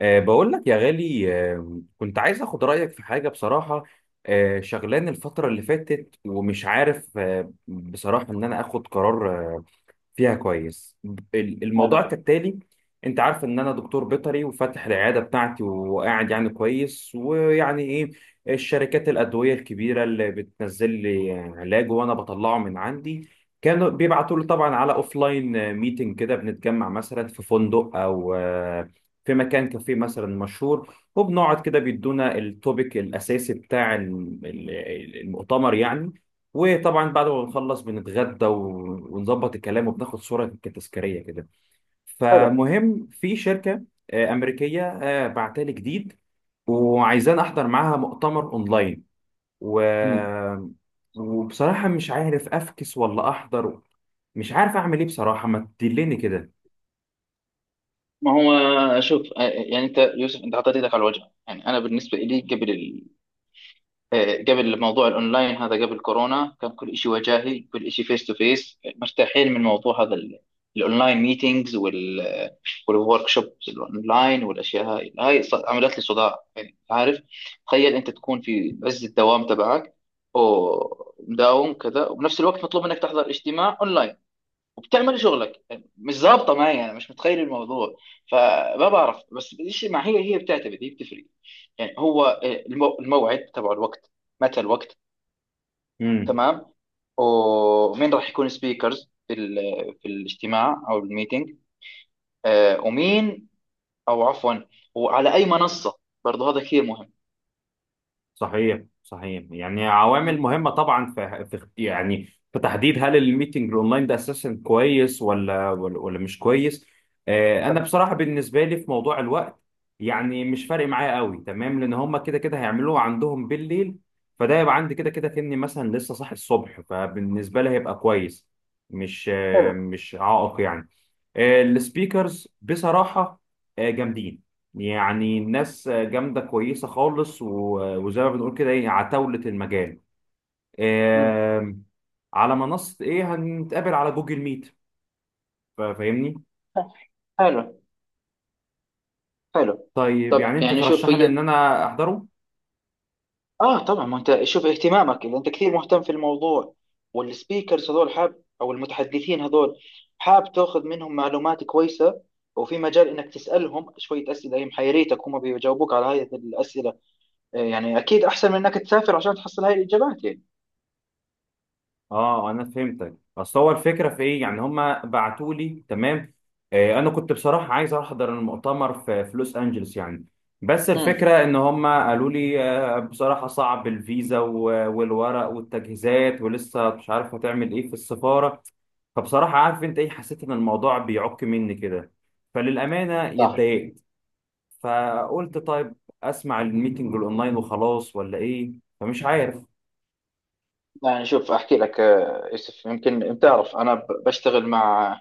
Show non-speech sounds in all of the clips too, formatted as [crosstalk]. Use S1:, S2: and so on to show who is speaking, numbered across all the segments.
S1: بقول لك يا غالي، كنت عايز اخد رأيك في حاجة بصراحة. شغلان الفترة اللي فاتت ومش عارف، بصراحة ان انا اخد قرار فيها كويس. الموضوع
S2: حلو،
S1: كالتالي. انت عارف ان انا دكتور بيطري وفاتح العياده بتاعتي وقاعد يعني كويس، ويعني ايه الشركات الادويه الكبيره اللي بتنزل لي علاج وانا بطلعه من عندي. كانوا بيبعتوا لي طبعا على اوف لاين ميتنج، كده بنتجمع مثلا في فندق او في مكان كافيه مثلا مشهور، وبنقعد كده بيدونا التوبيك الاساسي بتاع المؤتمر يعني. وطبعا بعد ما بنخلص بنتغدى ونظبط الكلام وبناخد صورة تذكارية كده.
S2: حلو.
S1: فمهم في شركة أمريكية بعتالي جديد، وعايزان أحضر معاها مؤتمر أونلاين و...
S2: مم.
S1: وبصراحة مش عارف أفكس ولا أحضر. مش عارف أعمل إيه بصراحة، ما تدلني كده.
S2: ما هو، شوف، يعني انت يوسف، انت حطيت ايدك على الوجع. يعني انا بالنسبه لي قبل قبل موضوع الاونلاين هذا، قبل كورونا، كان كل شيء وجاهي، كل شيء فيس تو فيس، مرتاحين. من موضوع هذا الاونلاين ميتينجز والورك شوبس الاونلاين والاشياء هاي عملت لي صداع. يعني عارف، تخيل انت تكون في عز الدوام تبعك، ومداوم كذا، وبنفس الوقت مطلوب منك تحضر اجتماع اونلاين وبتعمل شغلك. مش ظابطه معايا، انا مش متخيل الموضوع. فما بعرف، بس الشيء مع هي بتعتمد، هي بتفرق. يعني هو الموعد تبع الوقت، متى الوقت.
S1: مم.
S2: تمام. ومين راح يكون سبيكرز في في الاجتماع او الميتنج، آه، ومين او عفوا وعلى اي منصه؟ برضه هذا كثير مهم.
S1: صحيح، صحيح، يعني عوامل
S2: مم.
S1: مهمة طبعا في يعني في تحديد هل الميتنج الاونلاين ده اساسا كويس ولا مش كويس. انا
S2: فهم.
S1: بصراحة بالنسبة لي في موضوع الوقت، يعني مش فارق معايا قوي تمام، لان هم كده كده هيعملوه عندهم بالليل. فده يبقى عندي كده كده كأني مثلا لسه صاحي الصبح، فبالنسبة لي هيبقى كويس،
S2: حلو.
S1: مش عائق يعني. السبيكرز بصراحة جامدين، يعني الناس جامدة كويسة خالص، وزي ما بنقول كده ايه عتاولة المجال.
S2: مم.
S1: آم، على منصة ايه؟ هنتقابل على جوجل ميت، فاهمني.
S2: حلو، حلو.
S1: طيب،
S2: طب
S1: يعني انت
S2: يعني شوف،
S1: ترشح لي ان
S2: هي
S1: انا احضره؟
S2: اه طبعا، ما انت شوف اهتمامك، اذا انت كثير مهتم في الموضوع والسبيكرز هذول، حاب او المتحدثين هذول حاب تاخذ منهم معلومات كويسه، وفي مجال انك تسالهم شويه اسئله هي محيريتك، هم بيجاوبوك على هذه الاسئله، يعني اكيد احسن من انك تسافر عشان تحصل هاي الاجابات يعني.
S1: اه، انا فهمتك، اصل هو الفكره في ايه،
S2: مم.
S1: يعني هما بعتوا لي تمام. انا كنت بصراحه عايز احضر المؤتمر في لوس انجلوس يعني، بس
S2: مم.
S1: الفكره ان هما قالوا لي بصراحه صعب الفيزا والورق والتجهيزات، ولسه مش عارف هتعمل ايه في السفاره. فبصراحه عارف انت ايه، حسيت ان الموضوع بيعك مني كده، فللامانه
S2: صح.
S1: اتضايقت. فقلت طيب، اسمع الميتنج الاونلاين وخلاص، ولا ايه؟ فمش عارف.
S2: يعني شوف، احكي لك يوسف، يمكن بتعرف انا بشتغل مع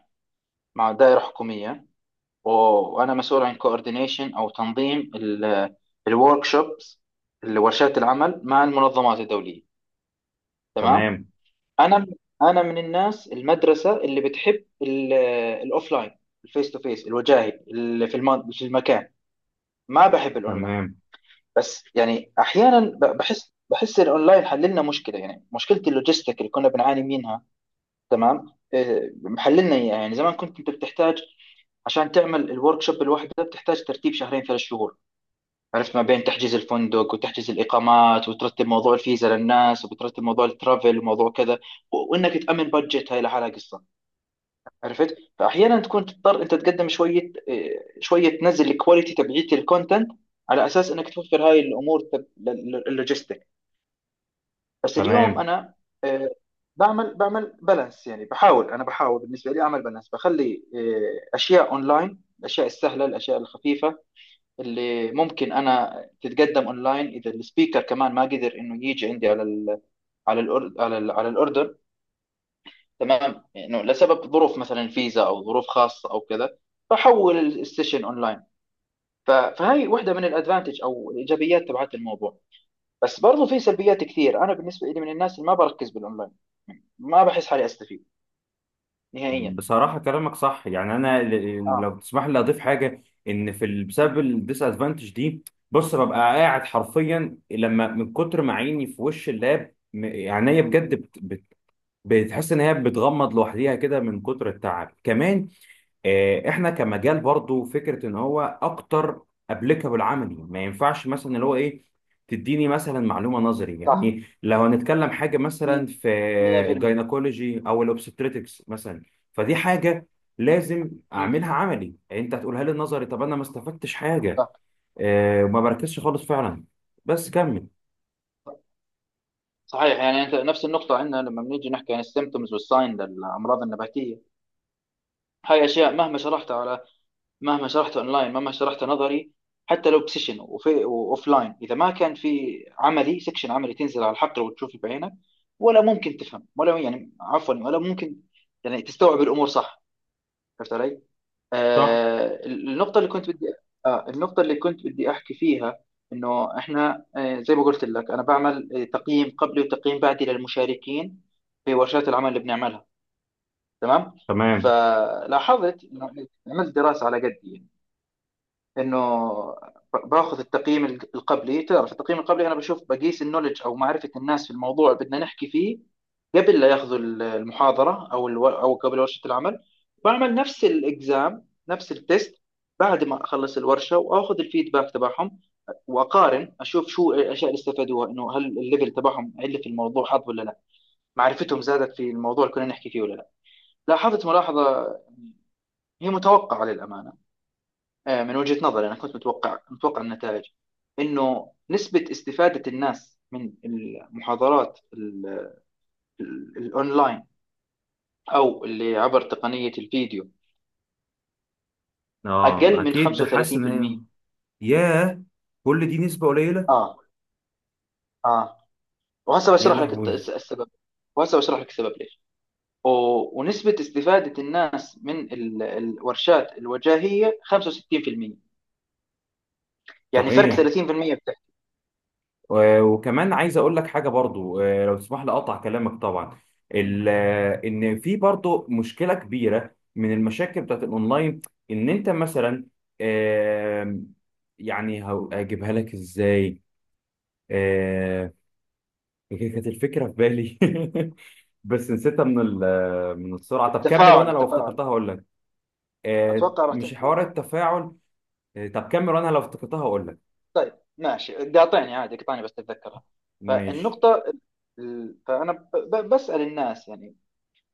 S2: دائره حكوميه، وانا مسؤول عن كوردينيشن او تنظيم الورك شوبس، ورشات العمل مع المنظمات الدوليه. تمام.
S1: تمام.
S2: انا انا من الناس، المدرسه اللي بتحب الاوفلاين، الفيس تو فيس، الوجاهي اللي في في المكان. ما بحب الاونلاين،
S1: تمام.
S2: بس يعني احيانا بحس الاونلاين حل لنا مشكله، يعني مشكله اللوجيستيك اللي كنا بنعاني منها. تمام. إيه، محل لنا إياها. يعني زمان كنت انت بتحتاج، عشان تعمل الورك شوب الواحده بتحتاج ترتيب شهرين ثلاث شهور، عرفت، ما بين تحجز الفندق وتحجز الإقامات وترتب موضوع الفيزا للناس، وبترتب موضوع الترافل وموضوع كذا، وإنك تأمن بادجت هاي لحالها قصة. عرفت؟ فأحيانا تكون تضطر أنت تقدم شوية، شوية تنزل الكواليتي تبعيت الكونتنت، على أساس إنك توفر هاي الأمور اللوجيستيك. بس اليوم
S1: تمام.
S2: أنا إيه، بعمل بالانس. يعني بحاول، أنا بحاول بالنسبة لي أعمل بالانس، بخلي أشياء أونلاين، الأشياء السهلة، الأشياء الخفيفة اللي ممكن انا تتقدم اونلاين، اذا السبيكر كمان ما قدر انه يجي عندي على ال على الأر- على ال- على الاردن. تمام، انه لسبب ظروف، مثلا فيزا او ظروف خاصه او كذا، فحول السيشن اونلاين. فهي واحده من الادفانتج او الايجابيات تبعت الموضوع. بس برضو في سلبيات كثير، انا بالنسبه لي من الناس اللي ما بركز بالاونلاين، ما بحس حالي استفيد نهائيا.
S1: بصراحة كلامك صح، يعني أنا
S2: اه،
S1: لو تسمح لي أضيف حاجة، إن في بسبب الديس أدفانتج دي. بص، ببقى قاعد حرفيا لما من كتر ما عيني في وش اللاب عينيا بجد بتحس إن هي بتغمض لوحديها كده من كتر التعب كمان. احنا كمجال برضو فكره ان هو اكتر ابليكابل عملي، ما ينفعش مثلا اللي هو ايه، تديني مثلا معلومه نظري،
S2: صح،
S1: يعني لو هنتكلم حاجه مثلا
S2: 100%.
S1: في الجاينكولوجي او الاوبستريتكس مثلا، فدي حاجه لازم اعملها عملي، انت هتقولها لي نظري، طب انا ما استفدتش حاجه.
S2: صح،
S1: وما بركزش خالص فعلا، بس كمل.
S2: صحيح. يعني انت نفس النقطة، عندنا لما بنيجي نحكي عن السيمتومز والساين للأمراض النباتية، هاي أشياء مهما شرحتها أونلاين، مهما شرحتها نظري، حتى لو بسيشن وأوفلاين، إذا ما كان في سكشن عملي تنزل على الحقل وتشوف بعينك، ولا ممكن تفهم، ولا يعني، عفوا، ولا ممكن يعني تستوعب الأمور، صح؟ عرفت علي؟
S1: صح.
S2: آه، النقطة اللي كنت بدي النقطة اللي كنت بدي أحكي فيها، إنه إحنا زي ما قلت لك أنا بعمل تقييم قبلي وتقييم بعدي للمشاركين في ورشات العمل اللي بنعملها. تمام.
S1: تمام.
S2: فلاحظت إنه، عملت دراسة على قدي، انه باخذ التقييم القبلي، تعرف التقييم القبلي، انا بشوف، بقيس النولج او معرفه الناس في الموضوع اللي بدنا نحكي فيه قبل لا ياخذوا المحاضره او او قبل ورشه العمل. بعمل نفس الاكزام، نفس التست، بعد ما اخلص الورشه واخذ الفيدباك تبعهم، واقارن، اشوف شو الاشياء اللي استفادوها، انه هل الليفل تبعهم عله في الموضوع حظ ولا لا، معرفتهم زادت في الموضوع اللي كنا نحكي فيه ولا لا. لاحظت ملاحظه هي متوقعه للامانه، من وجهة نظري أنا كنت متوقع النتائج، إنه نسبة استفادة الناس من المحاضرات الأونلاين أو اللي عبر تقنية الفيديو
S1: اه،
S2: أقل من
S1: اكيد حاسس ان هي.
S2: 35%.
S1: ياه، كل دي نسبه قليله.
S2: آه آه وهسه
S1: يا
S2: بشرح لك
S1: لهوي.
S2: السبب. وهسه بشرح لك السبب ليش. ونسبة استفادة الناس من الورشات الوجاهية 65%، يعني فرق
S1: صحيح.
S2: 30%. بتحكي
S1: وكمان عايز اقول لك حاجه برضو، لو تسمح لي اقطع كلامك طبعا. ان في برضو مشكله كبيره من المشاكل بتاعت الاونلاين، ان انت مثلا، آم، يعني هجيبها لك ازاي؟ آه، كانت الفكره في بالي [laughs] بس نسيتها من السرعه، طب كمل
S2: التفاعل،
S1: وانا لو
S2: التفاعل،
S1: افتكرتها هقول لك.
S2: أتوقع راح
S1: مش
S2: تحكي.
S1: حوار، التفاعل. طب كمل وانا لو افتكرتها هقول لك.
S2: طيب، ماشي، بدي اعطيني عادي، اقطعني بس تتذكرها.
S1: ماشي.
S2: فالنقطة، فأنا بسأل الناس، يعني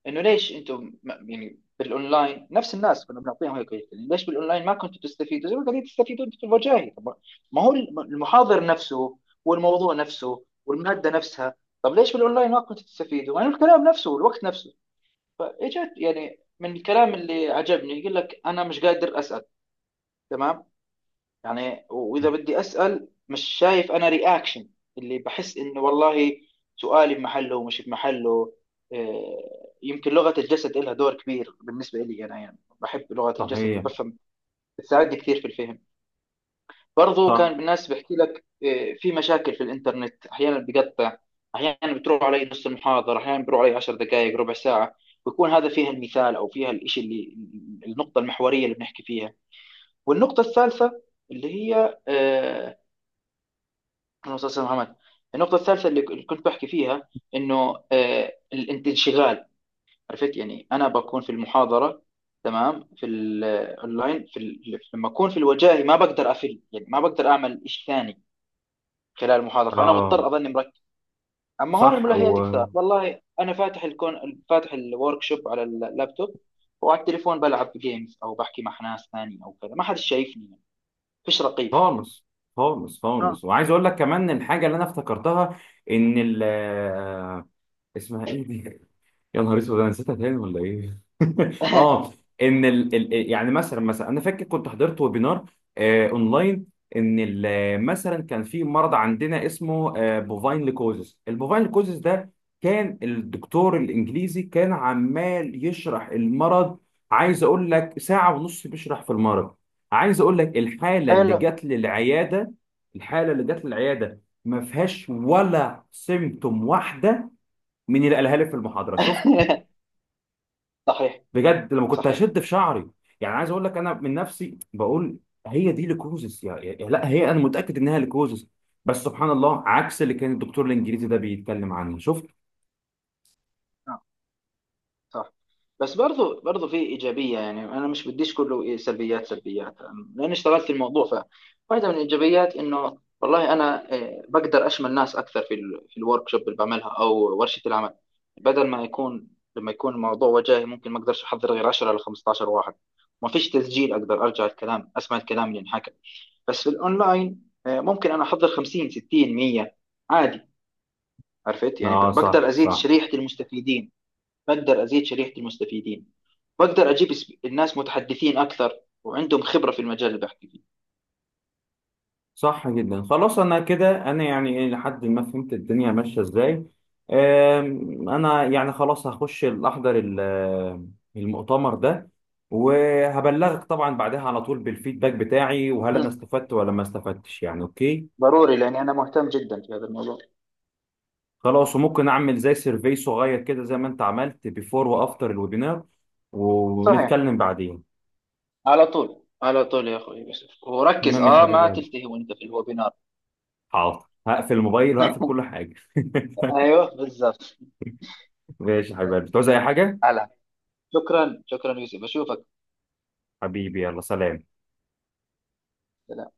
S2: إنه ليش أنتم يعني بالأونلاين، نفس الناس كنا بنعطيهم هيك هيك، يعني ليش بالأونلاين ما كنتوا تستفيدوا زي ما قاعدين تستفيدوا أنتوا في الوجاهي؟ طب ما هو المحاضر نفسه والموضوع نفسه والمادة نفسها، طب ليش بالأونلاين ما كنتوا تستفيدوا، يعني الكلام نفسه والوقت نفسه؟ فإجت، يعني، من الكلام اللي عجبني يقول لك أنا مش قادر أسأل. تمام. يعني واذا بدي اسال، مش شايف انا رياكشن اللي بحس انه والله سؤالي بمحله ومش بمحله. يمكن لغه الجسد لها دور كبير بالنسبه لي انا، يعني بحب لغه الجسد
S1: صحيح.
S2: وبفهم، بتساعدني كثير في الفهم. برضو
S1: صح.
S2: كان الناس بحكي لك في مشاكل في الانترنت، احيانا بقطع، احيانا بتروح علي نص المحاضره، احيانا بروح علي 10 دقائق، ربع ساعه، بيكون هذا فيها المثال او فيها الشيء اللي النقطه المحوريه اللي بنحكي فيها. والنقطه الثالثه اللي هي من مسلسل محمد، النقطة الثالثة اللي كنت بحكي فيها، إنه الانشغال. عرفت؟ يعني أنا بكون في المحاضرة، تمام، في الأونلاين في ال- لما أكون في الوجاهي ما بقدر أفل، يعني ما بقدر أعمل شيء ثاني خلال المحاضرة، فأنا مضطر
S1: اه.
S2: أظني مركز. أما هون
S1: صح.
S2: الملهيات كثار، والله أنا فاتح الكون، فاتح الورك شوب على اللابتوب، وعلى التليفون بلعب جيمز أو بحكي مع ناس ثانية أو كذا، ما حد شايفني يعني، فيش رقيب.
S1: خالص، خالص،
S2: اه.
S1: خالص، وعايز اقول لك كمان الحاجه اللي انا افتكرتها، ان ال آه، اسمها ايه دي؟ يا نهار اسود، انا نسيتها تاني ولا ايه؟ [laughs] اه،
S2: [laughs]
S1: ان يعني مثلا مثلا انا فاكر كنت حضرت ويبينار اونلاين، ان مثلا كان في مرض عندنا اسمه بوفاين ليكوزيس. البوفاين ليكوزيس ده كان الدكتور الانجليزي كان عمال يشرح المرض، عايز اقول لك ساعة ونص بيشرح في المرض. عايز اقول لك، الحالة اللي
S2: حلو.
S1: جت للعيادة، الحالة اللي جت للعيادة ما فيهاش ولا سيمتوم واحدة من اللي قالها لي في المحاضرة.
S2: [laughs] صحيح،
S1: بجد لما كنت
S2: صحيح،
S1: هشد في شعري، يعني عايز اقول لك انا من نفسي بقول هي دي ليكوزس، لا هي، انا متاكد انها ليكوزس، بس سبحان الله عكس اللي كان الدكتور الانجليزي ده بيتكلم عنه، شفت؟
S2: صح. بس برضو في ايجابيه، يعني انا مش بديش كله سلبيات، سلبيات. لان اشتغلت في الموضوع، فواحده من الايجابيات انه والله انا بقدر اشمل ناس اكثر في في الورك شوب اللي بعملها او ورشه العمل. بدل ما يكون لما يكون الموضوع وجاهي ممكن ما اقدرش احضر غير 10 ل 15 واحد، ما فيش تسجيل اقدر ارجع الكلام، اسمع الكلام اللي انحكى. بس في الاونلاين ممكن انا احضر 50، 60، 100 عادي. عرفت يعني،
S1: اه،
S2: بقدر
S1: صح،
S2: ازيد
S1: صح.
S2: شريحه المستفيدين، بقدر ازيد شريحه المستفيدين، بقدر اجيب الناس متحدثين اكثر وعندهم خبره في المجال اللي بحكي فيه.
S1: صح جدا، خلاص انا كده، انا يعني إيه، لحد ما فهمت الدنيا ماشيه ازاي. انا يعني خلاص هخش الاحضر المؤتمر ده، وهبلغك طبعا بعدها على طول بالفيدباك بتاعي، وهل انا
S2: مم.
S1: استفدت ولا ما استفدتش، يعني اوكي.
S2: ضروري، لاني انا مهتم جدا في هذا الموضوع.
S1: خلاص، وممكن اعمل زي سيرفي صغير كده زي ما انت عملت بيفور وافتر الويبينار،
S2: صحيح.
S1: ونتكلم بعدين.
S2: على طول، على طول يا اخوي يوسف، وركز،
S1: تمام يا حبيب
S2: ما
S1: قلبي،
S2: تلتهي وانت في الويبينار.
S1: حاضر، هقفل الموبايل وهقفل كل حاجه. [laughs]
S2: ايوه، بالضبط.
S1: ماشي يا حبيب
S2: آه،
S1: قلبي، تعوز اي حاجه؟
S2: على شكرا، شكرا يوسف، اشوفك.
S1: حبيبي، يلا سلام.
S2: سلام.